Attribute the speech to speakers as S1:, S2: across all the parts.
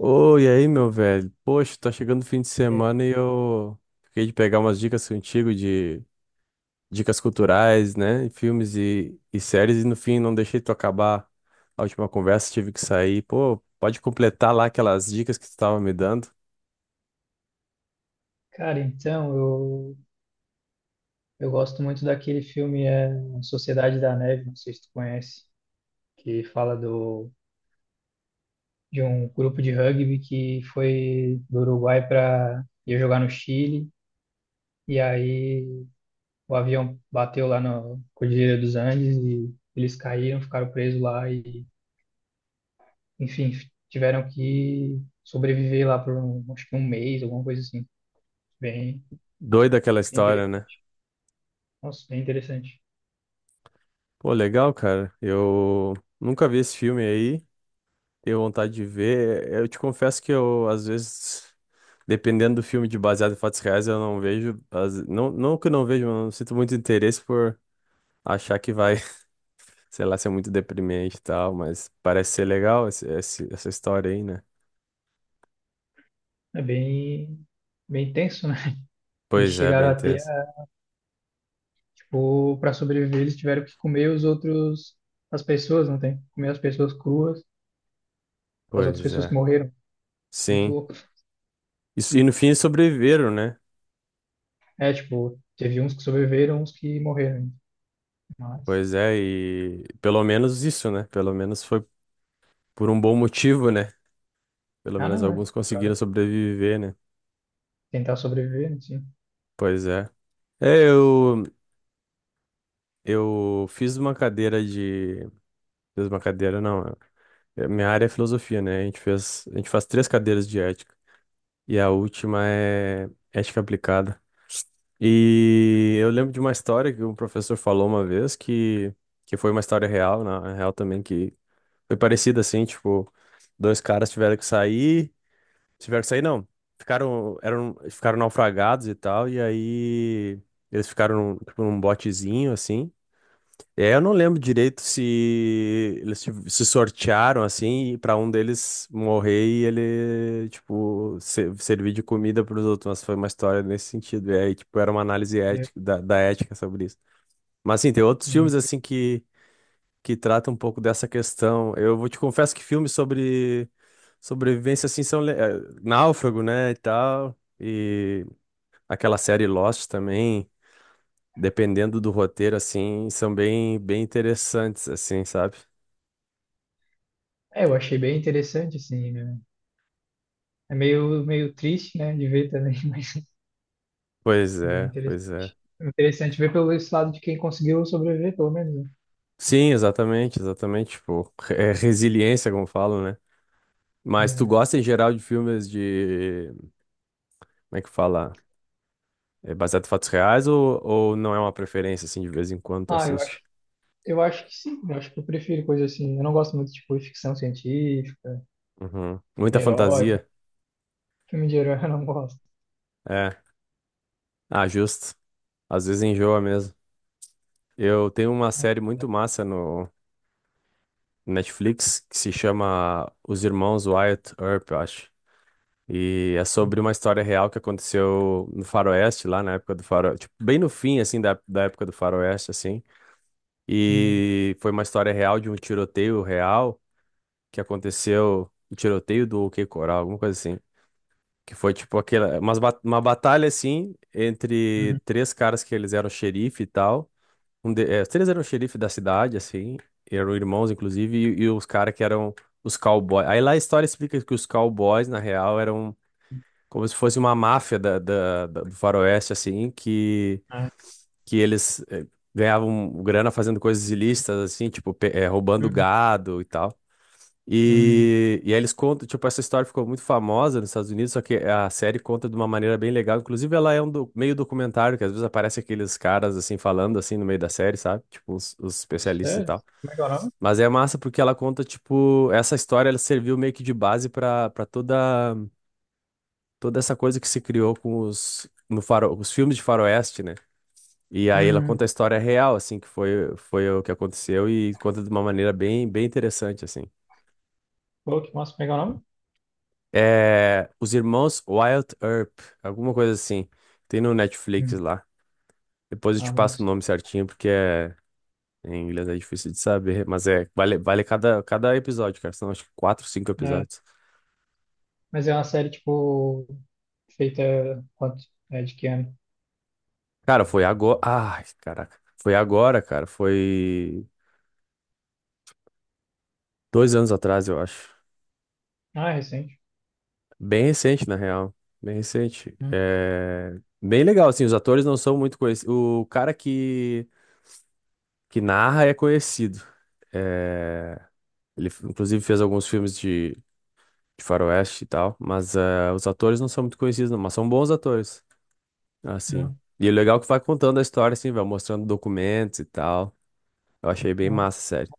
S1: Oi, e aí, meu velho? Poxa, tá chegando o fim de semana e eu fiquei de pegar umas dicas contigo de dicas culturais, né? E filmes e séries, e no fim não deixei tu acabar a última conversa, tive que sair. Pô, pode completar lá aquelas dicas que tu tava me dando.
S2: Cara, então, eu gosto muito daquele filme Sociedade da Neve, não sei se tu conhece, que fala de um grupo de rugby que foi do Uruguai para ir jogar no Chile, e aí o avião bateu lá na Cordilheira dos Andes e eles caíram, ficaram presos lá e, enfim, tiveram que sobreviver lá por um, acho que um mês, alguma coisa assim. Bem,
S1: Doida aquela
S2: bem
S1: história, né?
S2: interessante. Nossa, bem interessante.
S1: Pô, legal, cara. Eu nunca vi esse filme aí. Tenho vontade de ver. Eu te confesso que eu, às vezes, dependendo do filme de baseado em fatos reais, eu não vejo. Não, não que eu não vejo, mas eu não sinto muito interesse por achar que vai, sei lá, ser muito deprimente e tal, mas parece ser legal essa história aí, né?
S2: É bem, bem tenso, né? Eles
S1: Pois é,
S2: chegaram
S1: bem
S2: a ter,
S1: tenso.
S2: tipo, para sobreviver, eles tiveram que comer os outros, as pessoas, não tem? Comer as pessoas cruas, as outras
S1: Pois
S2: pessoas que
S1: é.
S2: morreram. Muito
S1: Sim.
S2: louco.
S1: Isso, e no fim eles sobreviveram, né?
S2: É, tipo, teve uns que sobreviveram, uns que morreram. Mas,
S1: Pois é, e pelo menos isso, né? Pelo menos foi por um bom motivo, né? Pelo
S2: ah,
S1: menos
S2: não, é.
S1: alguns
S2: Pra
S1: conseguiram sobreviver, né?
S2: tentar sobreviver, assim.
S1: Pois é. É, eu. Eu fiz uma cadeira de. Fiz uma cadeira, não. Minha área é filosofia, né? A gente faz três cadeiras de ética. E a última é ética aplicada. E eu lembro de uma história que um professor falou uma vez que foi uma história real, na real também, que foi parecida assim, tipo, dois caras tiveram que sair. Tiveram que sair, não. Ficaram, eram, ficaram naufragados e tal, e aí eles ficaram num, tipo, num botezinho, assim. É, eu não lembro direito se se sortearam assim para um deles morrer e ele tipo servir de comida para os outros, mas foi uma história nesse sentido. E aí, tipo, era uma análise
S2: É,
S1: ética da ética sobre isso. Mas assim, tem outros
S2: hum,
S1: filmes assim que tratam um pouco dessa questão. Eu vou te confesso que filmes sobre sobrevivência assim são Náufrago, né, e tal, e aquela série Lost também dependendo do roteiro, assim, são bem, bem interessantes, assim, sabe?
S2: é, eu achei bem interessante, assim, né? É meio, meio triste, né, de ver também, mas
S1: Pois
S2: bem
S1: é,
S2: interessante.
S1: pois é.
S2: Interessante ver pelo esse lado de quem conseguiu sobreviver, pelo menos,
S1: Sim, exatamente, exatamente. Tipo, é resiliência, como falam, né? Mas tu
S2: né? É.
S1: gosta em geral de filmes de. Como é que fala? É baseado em fatos reais ou não é uma preferência, assim, de vez em quando tu
S2: Ah, eu
S1: assiste?
S2: Eu acho que sim, eu acho que eu prefiro coisa assim. Eu não gosto muito, tipo, de ficção científica,
S1: Uhum. Muita
S2: herói,
S1: fantasia.
S2: filme de herói eu não gosto.
S1: É. Ah, justo. Às vezes enjoa mesmo. Eu tenho uma série muito massa no Netflix que se chama Os Irmãos Wyatt Earp, eu acho. E é sobre uma história real que aconteceu no Faroeste, lá na época do Faroeste, tipo, bem no fim, assim, da época do Faroeste, assim.
S2: Uhum,
S1: E foi uma história real de um tiroteio real que aconteceu, o tiroteio do OK Coral, alguma coisa assim. Que foi, tipo, aquela, uma batalha, assim,
S2: uhum,
S1: entre três caras que eles eram xerife e tal. Os três eram xerife da cidade, assim, eram irmãos, inclusive, e os caras que eram os cowboys. Aí lá a história explica que os cowboys, na real, eram como se fosse uma máfia do Faroeste, assim,
S2: ah,
S1: que eles ganhavam grana fazendo coisas ilícitas, assim, tipo, roubando
S2: uhum,
S1: gado e tal.
S2: uhum.
S1: E aí eles contam, tipo, essa história ficou muito famosa nos Estados Unidos, só que a série conta de uma maneira bem legal. Inclusive, ela é meio documentário, que às vezes aparece aqueles caras, assim, falando, assim, no meio da série, sabe? Tipo, os especialistas e
S2: Sério?
S1: tal.
S2: Como é que é o nome?
S1: Mas é massa porque ela conta, tipo, essa história, ela serviu meio que de base para toda essa coisa que se criou com os, no faro, os filmes de faroeste, né? E aí ela conta a
S2: Uhum.
S1: história real, assim, que foi o que aconteceu e conta de uma maneira bem, bem interessante, assim.
S2: Pô, que massa, como é que é o nome?
S1: É, os irmãos Wild Earp, alguma coisa assim. Tem no Netflix
S2: Uhum.
S1: lá. Depois eu
S2: Ah,
S1: te passo o
S2: moço.
S1: nome certinho, porque é, em inglês é difícil de saber, mas é, vale, cada episódio, cara. São acho que quatro, cinco
S2: Né?
S1: episódios.
S2: Mas é uma série, tipo, feita quanto? É, de que ano?
S1: Cara, foi agora. Ai, caraca. Foi agora, cara. Foi 2 anos atrás, eu acho.
S2: Ah, é recente.
S1: Bem recente, na real. Bem recente.
S2: Hum,
S1: É... Bem legal, assim, os atores não são muito conhecidos. O cara que narra é conhecido. É, ele, inclusive, fez alguns filmes de faroeste e tal, mas os atores não são muito conhecidos, não, mas são bons atores, assim.
S2: Não,
S1: E o legal é que vai contando a história, assim, vai mostrando documentos e tal. Eu achei bem
S2: não.
S1: massa, sério.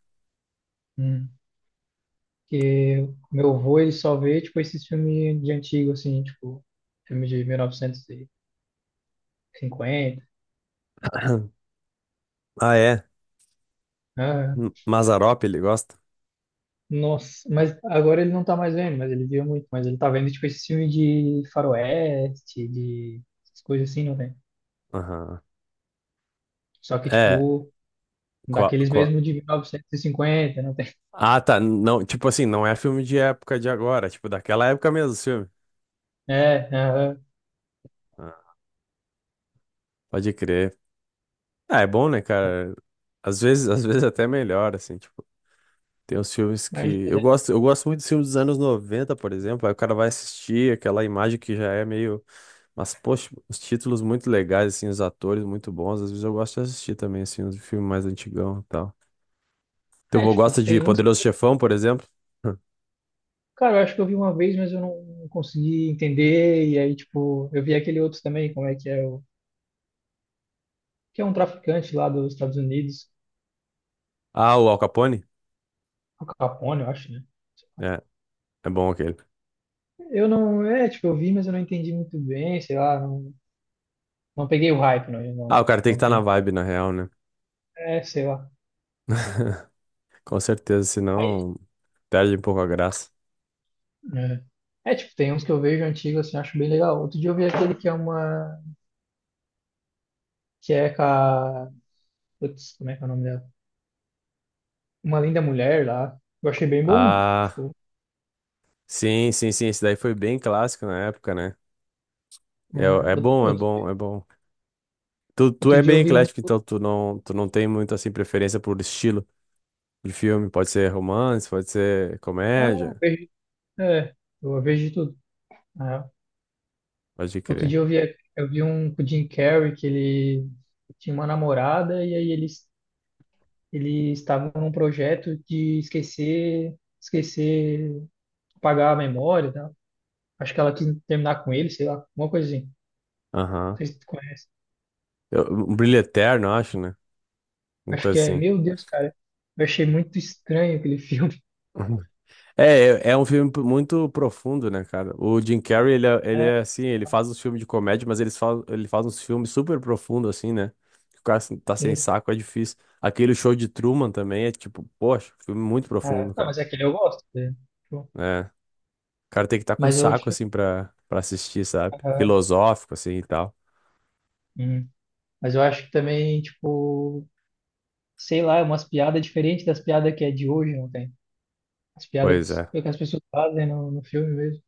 S2: Hum. Porque o meu avô, ele só vê, tipo, esses filmes de antigo, assim, tipo, filme de 1900 e cinquenta.
S1: Ah, é?
S2: Ah,
S1: Mazarop ele gosta?
S2: nossa, mas agora ele não tá mais vendo, mas ele via muito. Mas ele tá vendo, tipo, esse filme de faroeste, de essas coisas assim, não tem?
S1: Aham.
S2: Só que,
S1: É,
S2: tipo, daqueles
S1: qual,
S2: mesmo de 1950, não tem?
S1: Ah, tá. Não, tipo assim, não é filme de época de agora, tipo daquela época mesmo, os filme.
S2: É, aham.
S1: Ah, pode crer. Ah, é bom, né, cara? Às vezes até melhor, assim, tipo, tem uns filmes que
S2: Imagina, né?
S1: eu gosto muito dos filmes dos anos 90, por exemplo, aí o cara vai assistir aquela imagem que já é meio, mas poxa, os títulos muito legais assim, os atores muito bons, às vezes eu gosto de assistir também assim, uns filmes mais antigão e tal. Teu
S2: É,
S1: avô
S2: tipo,
S1: gosta de
S2: tem uns.
S1: Poderoso Chefão, por exemplo?
S2: Cara, eu acho que eu vi uma vez, mas eu não consegui entender. E aí, tipo, eu vi aquele outro também, como é que é o. Que é um traficante lá dos Estados Unidos,
S1: Ah, o Al Capone?
S2: o Capone, eu acho, né?
S1: É, é bom aquele.
S2: Eu não, é, tipo, eu vi, mas eu não entendi muito bem, sei lá, não. Não peguei o hype, não,
S1: Ah, o
S2: não,
S1: cara tem que
S2: não
S1: estar na
S2: tem.
S1: vibe, na real, né?
S2: É, sei lá.
S1: Com certeza,
S2: Aí,
S1: senão perde um pouco a graça.
S2: é. É, tipo, tem uns que eu vejo antigos, assim, acho bem legal. Outro dia eu vi aquele que é uma. Que é com a. Putz, como é que é o nome dela? Uma linda mulher lá. Eu achei bem bom.
S1: Ah,
S2: Tipo,
S1: sim, sim, sim. Esse daí foi bem clássico na época, né? É,
S2: né?
S1: é
S2: Out-
S1: bom, é
S2: outro, dia-
S1: bom, é bom. Tu
S2: outro
S1: é
S2: dia
S1: bem
S2: eu vi um.
S1: eclético, então tu não tem muito assim preferência por estilo de filme. Pode ser romance, pode ser
S2: Ah,
S1: comédia,
S2: vejo. É, eu vejo de tudo, né?
S1: pode
S2: Outro
S1: crer.
S2: dia eu vi, eu vi, um com o Jim Carrey que ele tinha uma namorada e aí eles estavam num projeto de esquecer... Esquecer apagar a memória, tá? Acho que ela quis terminar com ele, sei lá, alguma coisa assim. Não
S1: Aham.
S2: sei se tu conhece.
S1: Um Brilho Eterno, eu acho, né? Uma
S2: Acho que
S1: coisa
S2: é,
S1: assim.
S2: meu Deus, cara, eu achei muito estranho aquele filme.
S1: É, é um filme muito profundo, né, cara? O Jim Carrey, ele
S2: É,
S1: é assim, ele faz uns filmes de comédia, mas ele faz uns filmes super profundos, assim, né? O cara assim, tá sem
S2: sim.
S1: saco, é difícil. Aquele show de Truman também é tipo, poxa, filme muito
S2: Ah,
S1: profundo,
S2: não,
S1: cara.
S2: mas aquele eu gosto, né? Tipo,
S1: É, o cara tem que estar tá com
S2: Mas eu,
S1: saco,
S2: tipo,
S1: assim, pra assistir, sabe?
S2: ah,
S1: Filosófico, assim, e tal.
S2: hum. mas eu acho que também, tipo, sei lá, é umas piadas diferentes das piadas que é de hoje, não tem? As piadas que,
S1: Pois é,
S2: que as pessoas fazem no filme mesmo.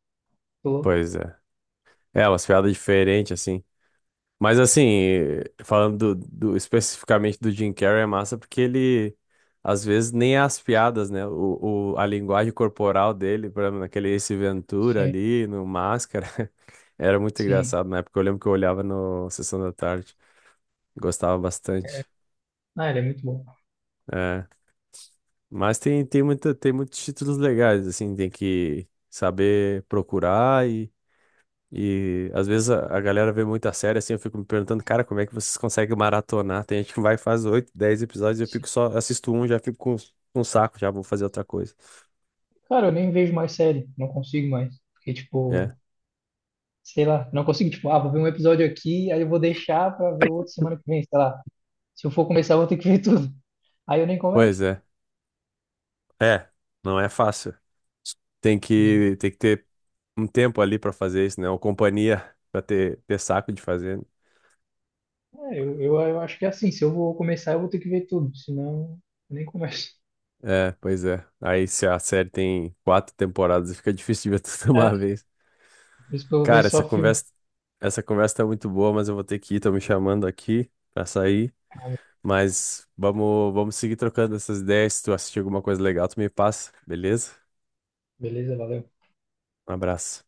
S2: Tô louco.
S1: pois é. É, umas piadas diferentes, assim. Mas assim, falando especificamente do Jim Carrey, é massa porque ele, às vezes, nem é as piadas, né? A linguagem corporal dele, por exemplo, naquele Ace Ventura
S2: Sim,
S1: ali, no Máscara, era muito
S2: sim.
S1: engraçado na época. Eu lembro que eu olhava no Sessão da Tarde, gostava
S2: É.
S1: bastante.
S2: Ah, ele é muito bom.
S1: É. Mas tem muitos títulos legais, assim, tem que saber procurar. E às vezes a galera vê muita série assim, eu fico me perguntando, cara, como é que vocês conseguem maratonar? Tem gente que vai e faz oito, dez episódios, eu
S2: Sim.
S1: fico só, assisto um, já fico com um saco, já vou fazer outra coisa.
S2: Cara, eu nem vejo mais série, não consigo mais. Porque, tipo,
S1: É,
S2: sei lá, não consigo, tipo, ah, vou ver um episódio aqui, aí eu vou deixar pra ver outro semana que vem, sei lá. Se eu for começar, eu vou ter que ver tudo. Aí eu nem começo.
S1: pois é. É, não é fácil.
S2: Hum.
S1: Tem que ter um tempo ali pra fazer isso, né? Ou companhia pra ter saco de fazer.
S2: É, eu acho que é assim, se eu vou começar, eu vou ter que ver tudo, senão eu nem começo.
S1: É, pois é. Aí se a série tem quatro temporadas, fica difícil de ver tudo de
S2: É,
S1: uma vez.
S2: por isso que eu
S1: Cara,
S2: vejo só filme.
S1: essa conversa tá muito boa, mas eu vou ter que ir, tô me chamando aqui pra sair.
S2: Ah,
S1: Mas vamos seguir trocando essas ideias. Se tu assistir alguma coisa legal, tu me passa, beleza?
S2: beleza, valeu.
S1: Um abraço.